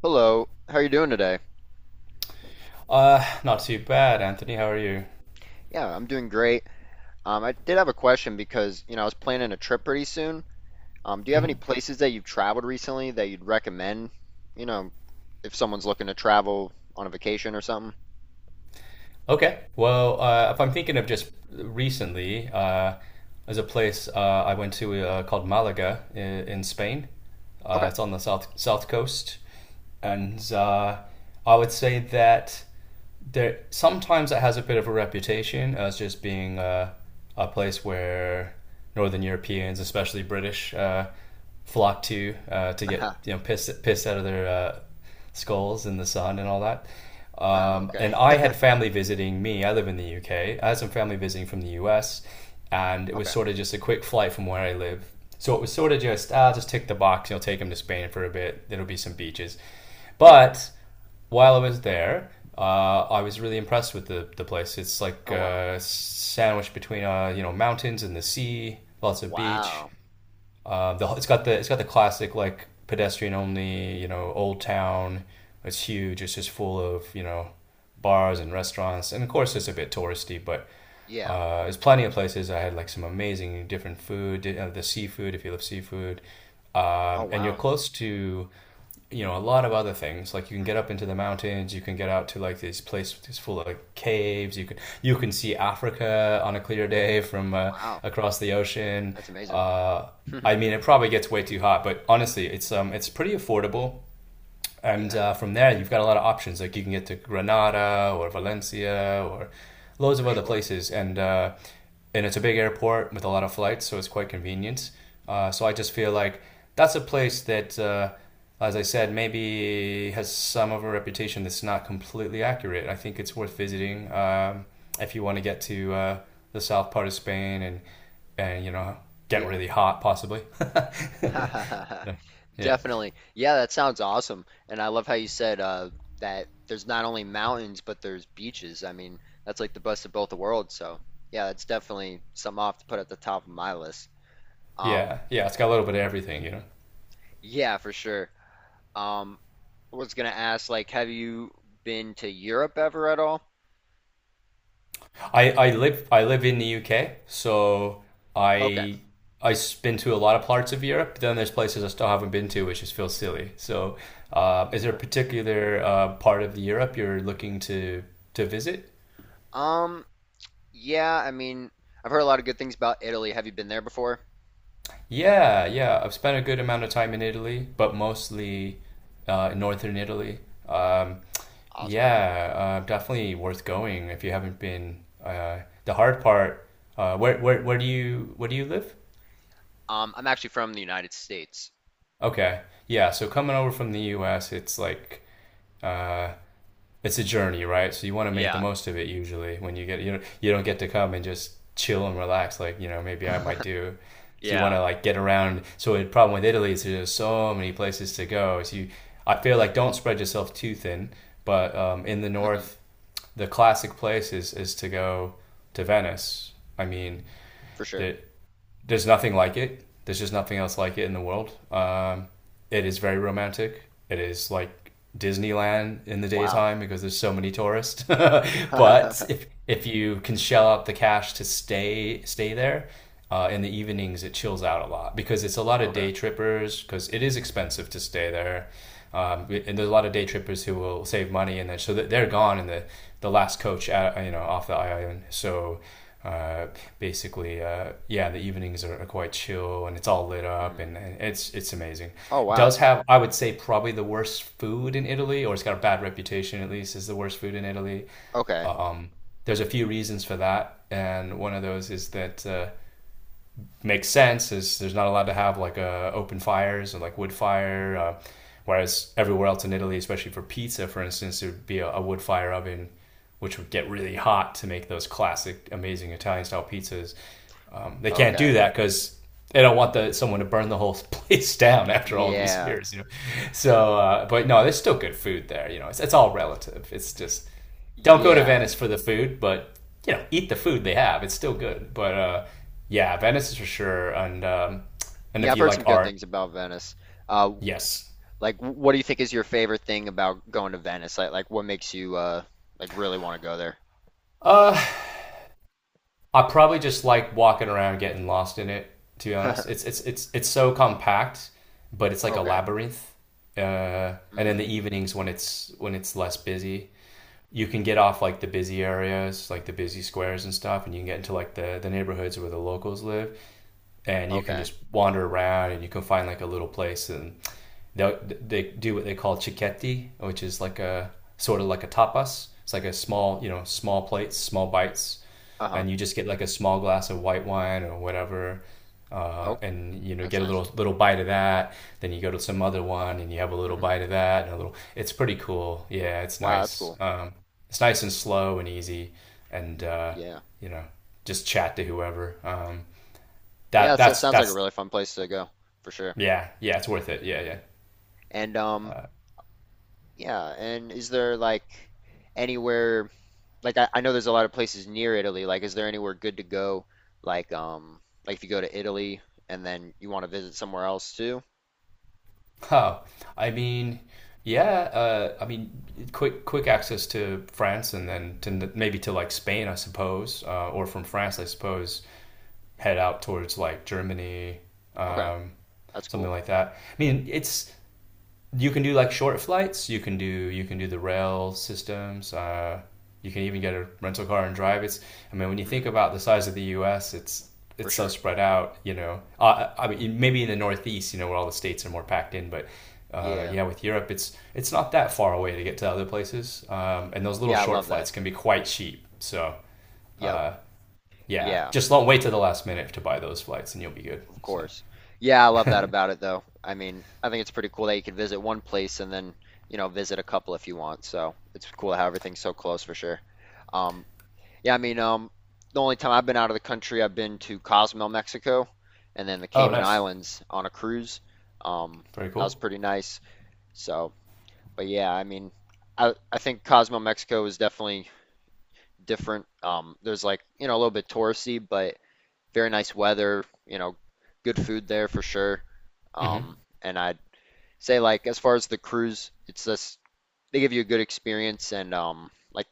Hello, how are you doing today? Not too bad, Anthony. How are you? Yeah, I'm doing great. I did have a question because, you know, I was planning a trip pretty soon. Do you have any hmm places that you've traveled recently that you'd recommend, you know, if someone's looking to travel on a vacation or something? Okay. Well, if I'm thinking of just recently, there's a place I went to called Malaga in Spain. Okay. It's on the south coast, and I would say that there sometimes it has a bit of a reputation as just being a place where Northern Europeans, especially British, flock to get pissed out of their skulls in the sun and all that. Oh, okay. And I had family visiting me. I live in the UK. I had some family visiting from the US, and it was Okay. sort of just a quick flight from where I live. So it was sort of just, just tick the box, you know, take them to Spain for a bit. There'll be some beaches. Yep. But while I was there, I was really impressed with the place. It's like Oh, wow. Sandwiched between you know mountains and the sea, lots of beach. Wow. It's got the classic like pedestrian only you know old town. It's huge. It's just full of you know bars and restaurants, and of course it's a bit touristy, but Yeah. There's plenty of places. I had like some amazing different food, the seafood if you love seafood, Oh, and you're wow. close to you know a lot of other things like you can Mhm. get up into the mountains, you can get out to like these places full of caves, you can see Africa on a clear day from Wow. across the ocean. That's amazing. uh, I mean, it probably gets way too hot, but honestly it's it's pretty affordable, and Yeah, from there you've got a lot of options. Like you can get to Granada or Valencia or loads of for other sure. places. And it's a big airport with a lot of flights, so it's quite convenient. So I just feel like that's a place that, as I said, maybe has some of a reputation that's not completely accurate. I think it's worth visiting if you want to get to the south part of Spain, and you know get Yeah. really hot possibly. Yeah, yeah, Definitely. Yeah, that sounds awesome. And I love how you said that there's not only mountains, but there's beaches. I mean, that's like the best of both the worlds. So, yeah, that's definitely something I'll have to put at the top of my list. Um, yeah. Yeah, it's got a little bit of everything, you know. yeah, for sure. Um, I was gonna ask, like, have you been to Europe ever at all? I live in the UK, so Okay. I I've been to a lot of parts of Europe. Then there's places I still haven't been to, which just feels silly. So, is there a particular part of Europe you're looking to visit? Um, yeah, I mean, I've heard a lot of good things about Italy. Have you been there before? Yeah, yeah. I've spent a good amount of time in Italy, but mostly in northern Italy. Um, Awesome. yeah, definitely worth going if you haven't been. The hard part. Where do you live? I'm actually from the United States. Okay. Yeah, so coming over from the US, it's like uh it's a journey, right? So you want to make the Yeah, most of it usually when you get, you know, you don't get to come and just chill and relax like, you know, maybe I might do. So you yeah. want to like get around. So the problem with Italy is there's so many places to go. So you, I feel like, don't spread yourself too thin, but in the Hmm. north, the classic place is to go to Venice. I mean, For sure. the there's nothing like it. There's just nothing else like it in the world. It is very romantic. It is like Disneyland in the Wow. daytime because there's so many tourists. But if you can shell out the cash to stay there, in the evenings it chills out a lot because it's a lot of Okay. day trippers because it is expensive to stay there. And there's a lot of day trippers who will save money and then so they're gone in the last coach at, you know, off the island. So uh, basically, yeah, the evenings are quite chill and it's all lit up, Mhm. and it's amazing. Oh, It wow. does have, I would say, probably the worst food in Italy, or it's got a bad reputation at least as the worst food in Italy. Okay. There's a few reasons for that, and one of those is that. Makes sense is there's not allowed to have like open fires or like wood fire whereas everywhere else in Italy, especially for pizza, for instance, there would be a wood fire oven which would get really hot to make those classic amazing Italian style pizzas. They can't Okay. do that because they don't want the someone to burn the whole place down after all these Yeah. years, you know. So, but no, there's still good food there. You know, it's all relative. It's just, don't go to Yeah. Venice for the food, but you know, eat the food they have. It's still good. But yeah, Venice is for sure. And Yeah, if I've you heard like some good art, things about Venice. Uh, yes, like, what do you think is your favorite thing about going to Venice? Like what makes you like really want to go there? I probably just like walking around getting lost in it. To be honest, it's so compact, but it's like a Okay. labyrinth. And in Hmm. the evenings when it's less busy, you can get off like the busy areas, like the busy squares and stuff, and you can get into like the neighborhoods where the locals live, and you can Okay. just wander around and you can find like a little place, and they they do what they call chiquetti, which is like a sort of like a tapas. It's like a small, you know, small plates, small bites, Uh-huh. and you just get like a small glass of white wine or whatever, Oh, and you know, that's get a nice. Little bite of that. Then you go to some other one and you have a little Hmm. bite of that and a little. It's pretty cool. Yeah, it's Wow, that's nice. cool. It's nice and slow and easy, and Yeah. you know, just chat to whoever. Yeah, that that that's sounds like a that's really fun place to go for sure. yeah, yeah, it's worth it. Yeah, yeah. And yeah. And is there like anywhere? Like I know there's a lot of places near Italy. Like, is there anywhere good to go? Like, um, like if you go to Italy and then you want to visit somewhere else too? Oh, I mean, yeah. I mean, quick access to France and then to maybe to like Spain, I suppose, or from France, I Hmm. suppose, head out towards like Germany, Okay, um, that's something cool. like that. I mean, it's, you can do like short flights. You can do the rail systems. You can even get a rental car and drive. It's, I mean, when you think Hmm. about the size of the U.S., For it's so sure. spread out. You know, I mean, maybe in the Northeast, you know, where all the states are more packed in, but Yeah. yeah, with Europe, it's not that far away to get to other places. And those little Yeah, I short love that. flights can be quite cheap. So Yep. yeah, Yeah, just don't wait to the last minute to buy those flights, and you'll be good. of So course. Yeah, I love that about it though. I mean, I think it's pretty cool that you can visit one place and then, you know, visit a couple if you want. So it's cool how everything's so close for sure. Um, yeah, I mean, the only time I've been out of the country, I've been to Cozumel, Mexico, and then the oh, Cayman nice, Islands on a cruise. Um, very that was cool. pretty nice. So, but yeah, I mean, I think Cozumel, Mexico is definitely different. There's like, you know, a little bit touristy, but very nice weather, you know, good food there for sure. Mm-hmm. Um, and I'd say like as far as the cruise, it's this, they give you a good experience and like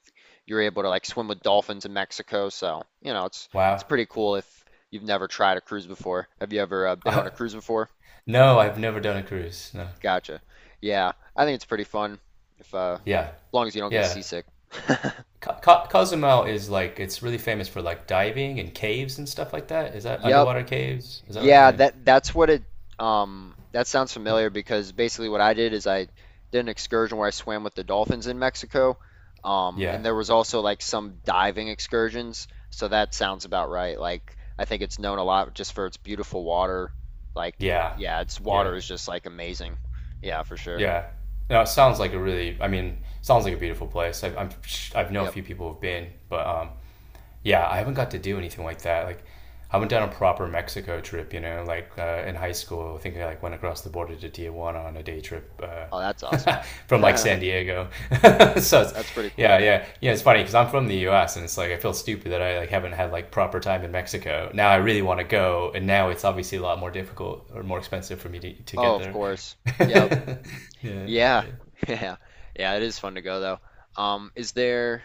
you're able to like swim with dolphins in Mexico. So, you know, it's Wow. pretty cool if you've never tried a cruise before. Have you ever been on I, a cruise before? No, I've never done a cruise. No. Gotcha. Yeah, I think it's pretty fun if Yeah. as long as you don't get Yeah. seasick. Ca Ca Cozumel is like, it's really famous for like diving and caves and stuff like that. Is that Yep. underwater caves? Is that right? Yeah, Yeah. that's what it that sounds familiar because basically what I did is I did an excursion where I swam with the dolphins in Mexico. Um, Yeah. and there was also like some diving excursions, so that sounds about right. Like I think it's known a lot just for its beautiful water. Like Yeah. yeah, its Yeah. water is just like amazing. Yeah, for sure. Yeah. No, it sounds like a really, I mean, sounds like a beautiful place. I'm, I've know a Yep. few people who've been, but yeah, I haven't got to do anything like that. Like, I haven't done a proper Mexico trip, you know, like in high school. I think I like went across the border to Tijuana on a day trip Oh, that's awesome. from like San Diego. So, it's, That's pretty cool. yeah, yeah, yeah. It's funny because I'm from the U.S., and it's like I feel stupid that I like haven't had like proper time in Mexico. Now I really want to go, and now it's obviously a lot more difficult or more expensive for me to Oh, get of there. course. Yep. Yeah, Yeah. yeah. Yeah. Yeah, it is fun to go though. Is there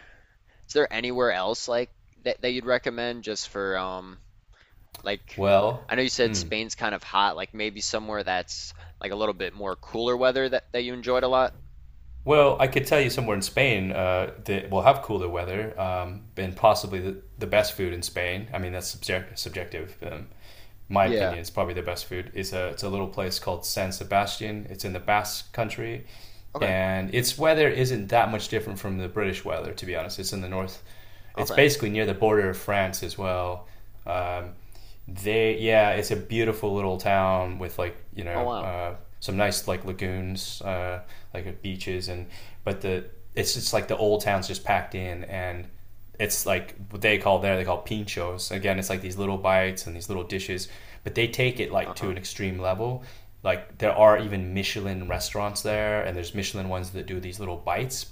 is there anywhere else like that you'd recommend just for like Well, I know you said Spain's kind of hot, like maybe somewhere that's like a little bit more cooler weather that you enjoyed a lot? Well, I could tell you somewhere in Spain that will have cooler weather and possibly the best food in Spain. I mean, that's subjective. My Yeah. opinion is probably the best food. It's a little place called San Sebastian. It's in the Basque country. Okay. And its weather isn't that much different from the British weather, to be honest. It's in the north. It's Okay. basically near the border of France as well. Um, they, yeah, it's a beautiful little town with like you Oh, know wow. Some nice like lagoons, like beaches, and but the it's just like the old town's just packed in. And it's like what they call there, they call pinchos. Again, it's like these little bites and these little dishes, but they take it like to Uh-huh. an extreme level. Like there are even Michelin restaurants there, and there's Michelin ones that do these little bites,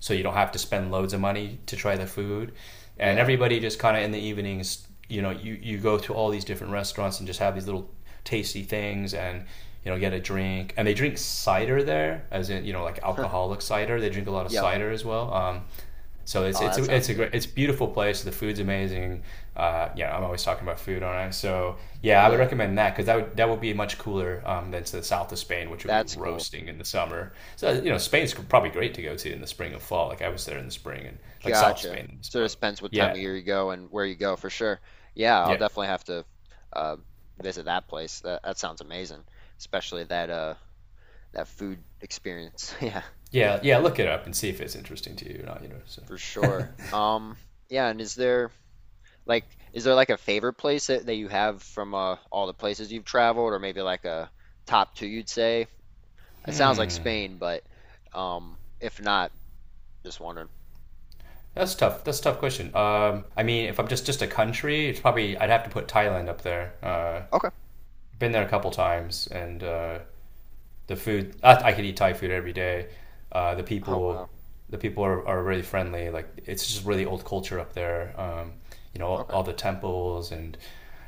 so you don't have to spend loads of money to try the food. And Yeah. everybody just kind of in the evenings, you know, you go to all these different restaurants and just have these little tasty things, and you know, get a drink. And they drink cider there, as in, you know, like alcoholic cider. They drink a lot of Yep. cider as well. So Oh, that sounds it's a good. great, it's a beautiful place. The food's amazing. Yeah, I'm always talking about food, aren't I? So yeah, I would Yeah, recommend that because that would be much cooler than to the south of Spain, which would be that's cool. roasting in the summer. So you know, Spain's probably great to go to in the spring or fall. Like I was there in the spring and like South Gotcha. Spain, Sort of but depends what time of yeah, year you go and where you go for sure. Yeah, I'll yeah, definitely have to uh, visit that place. That sounds amazing, especially that that food experience. Yeah. yeah, yeah. Look it up and see if it's interesting to you or not. You know, so For sure. Yeah, and like is there like a favorite place that you have from all the places you've traveled, or maybe like a top two you'd say? It sounds like Spain, but if not, just wondering. that's tough. That's a tough question. I mean, if I'm just a country, it's probably, I'd have to put Thailand up there. Okay. Been there a couple times. And. The food, I could eat Thai food every day. Uh, the Oh, people wow. the people are really friendly. Like it's just really old culture up there. You know Okay. all the temples, and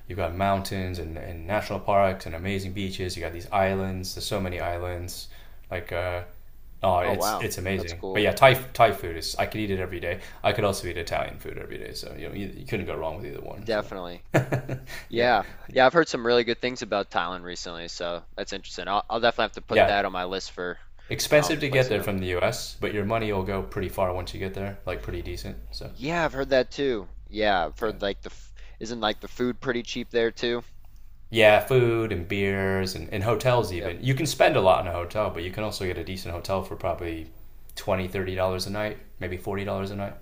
you've got mountains and national parks and amazing beaches. You got these islands. There's so many islands. Like oh, Oh, wow. it's That's amazing. But cool. yeah, Thai food is, I could eat it every day. I could also eat Italian food every day. So you know you couldn't go wrong with either one. So Definitely. yeah, Yeah. Yeah, I've heard some really good things about Thailand recently, so that's interesting. I'll definitely have to put yeah. that on my list for Expensive to places get there to go. from the US, but your money will go pretty far once you get there, like pretty decent. So, Yeah, I've heard that too. Yeah, I've yeah. heard like the isn't like the food pretty cheap there too? Yeah, food and beers and hotels, Yep. even. You can spend a lot in a hotel, but you can also get a decent hotel for probably 20, $30 a night, maybe $40 a night.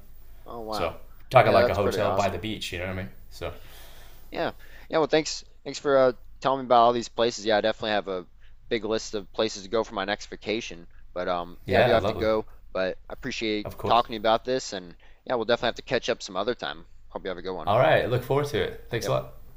Oh, wow. So, talking Yeah, like a that's pretty hotel by the awesome. beach, you know what I mean? So, Yeah. Yeah, well thanks for telling me about all these places. Yeah, I definitely have a big list of places to go for my next vacation. But yeah, I do yeah, have to lovely. go, but I appreciate Of course. talking to you about this and yeah, we'll definitely have to catch up some other time. Hope you have a good one. All right, look forward to it. Thanks Yep. a lot.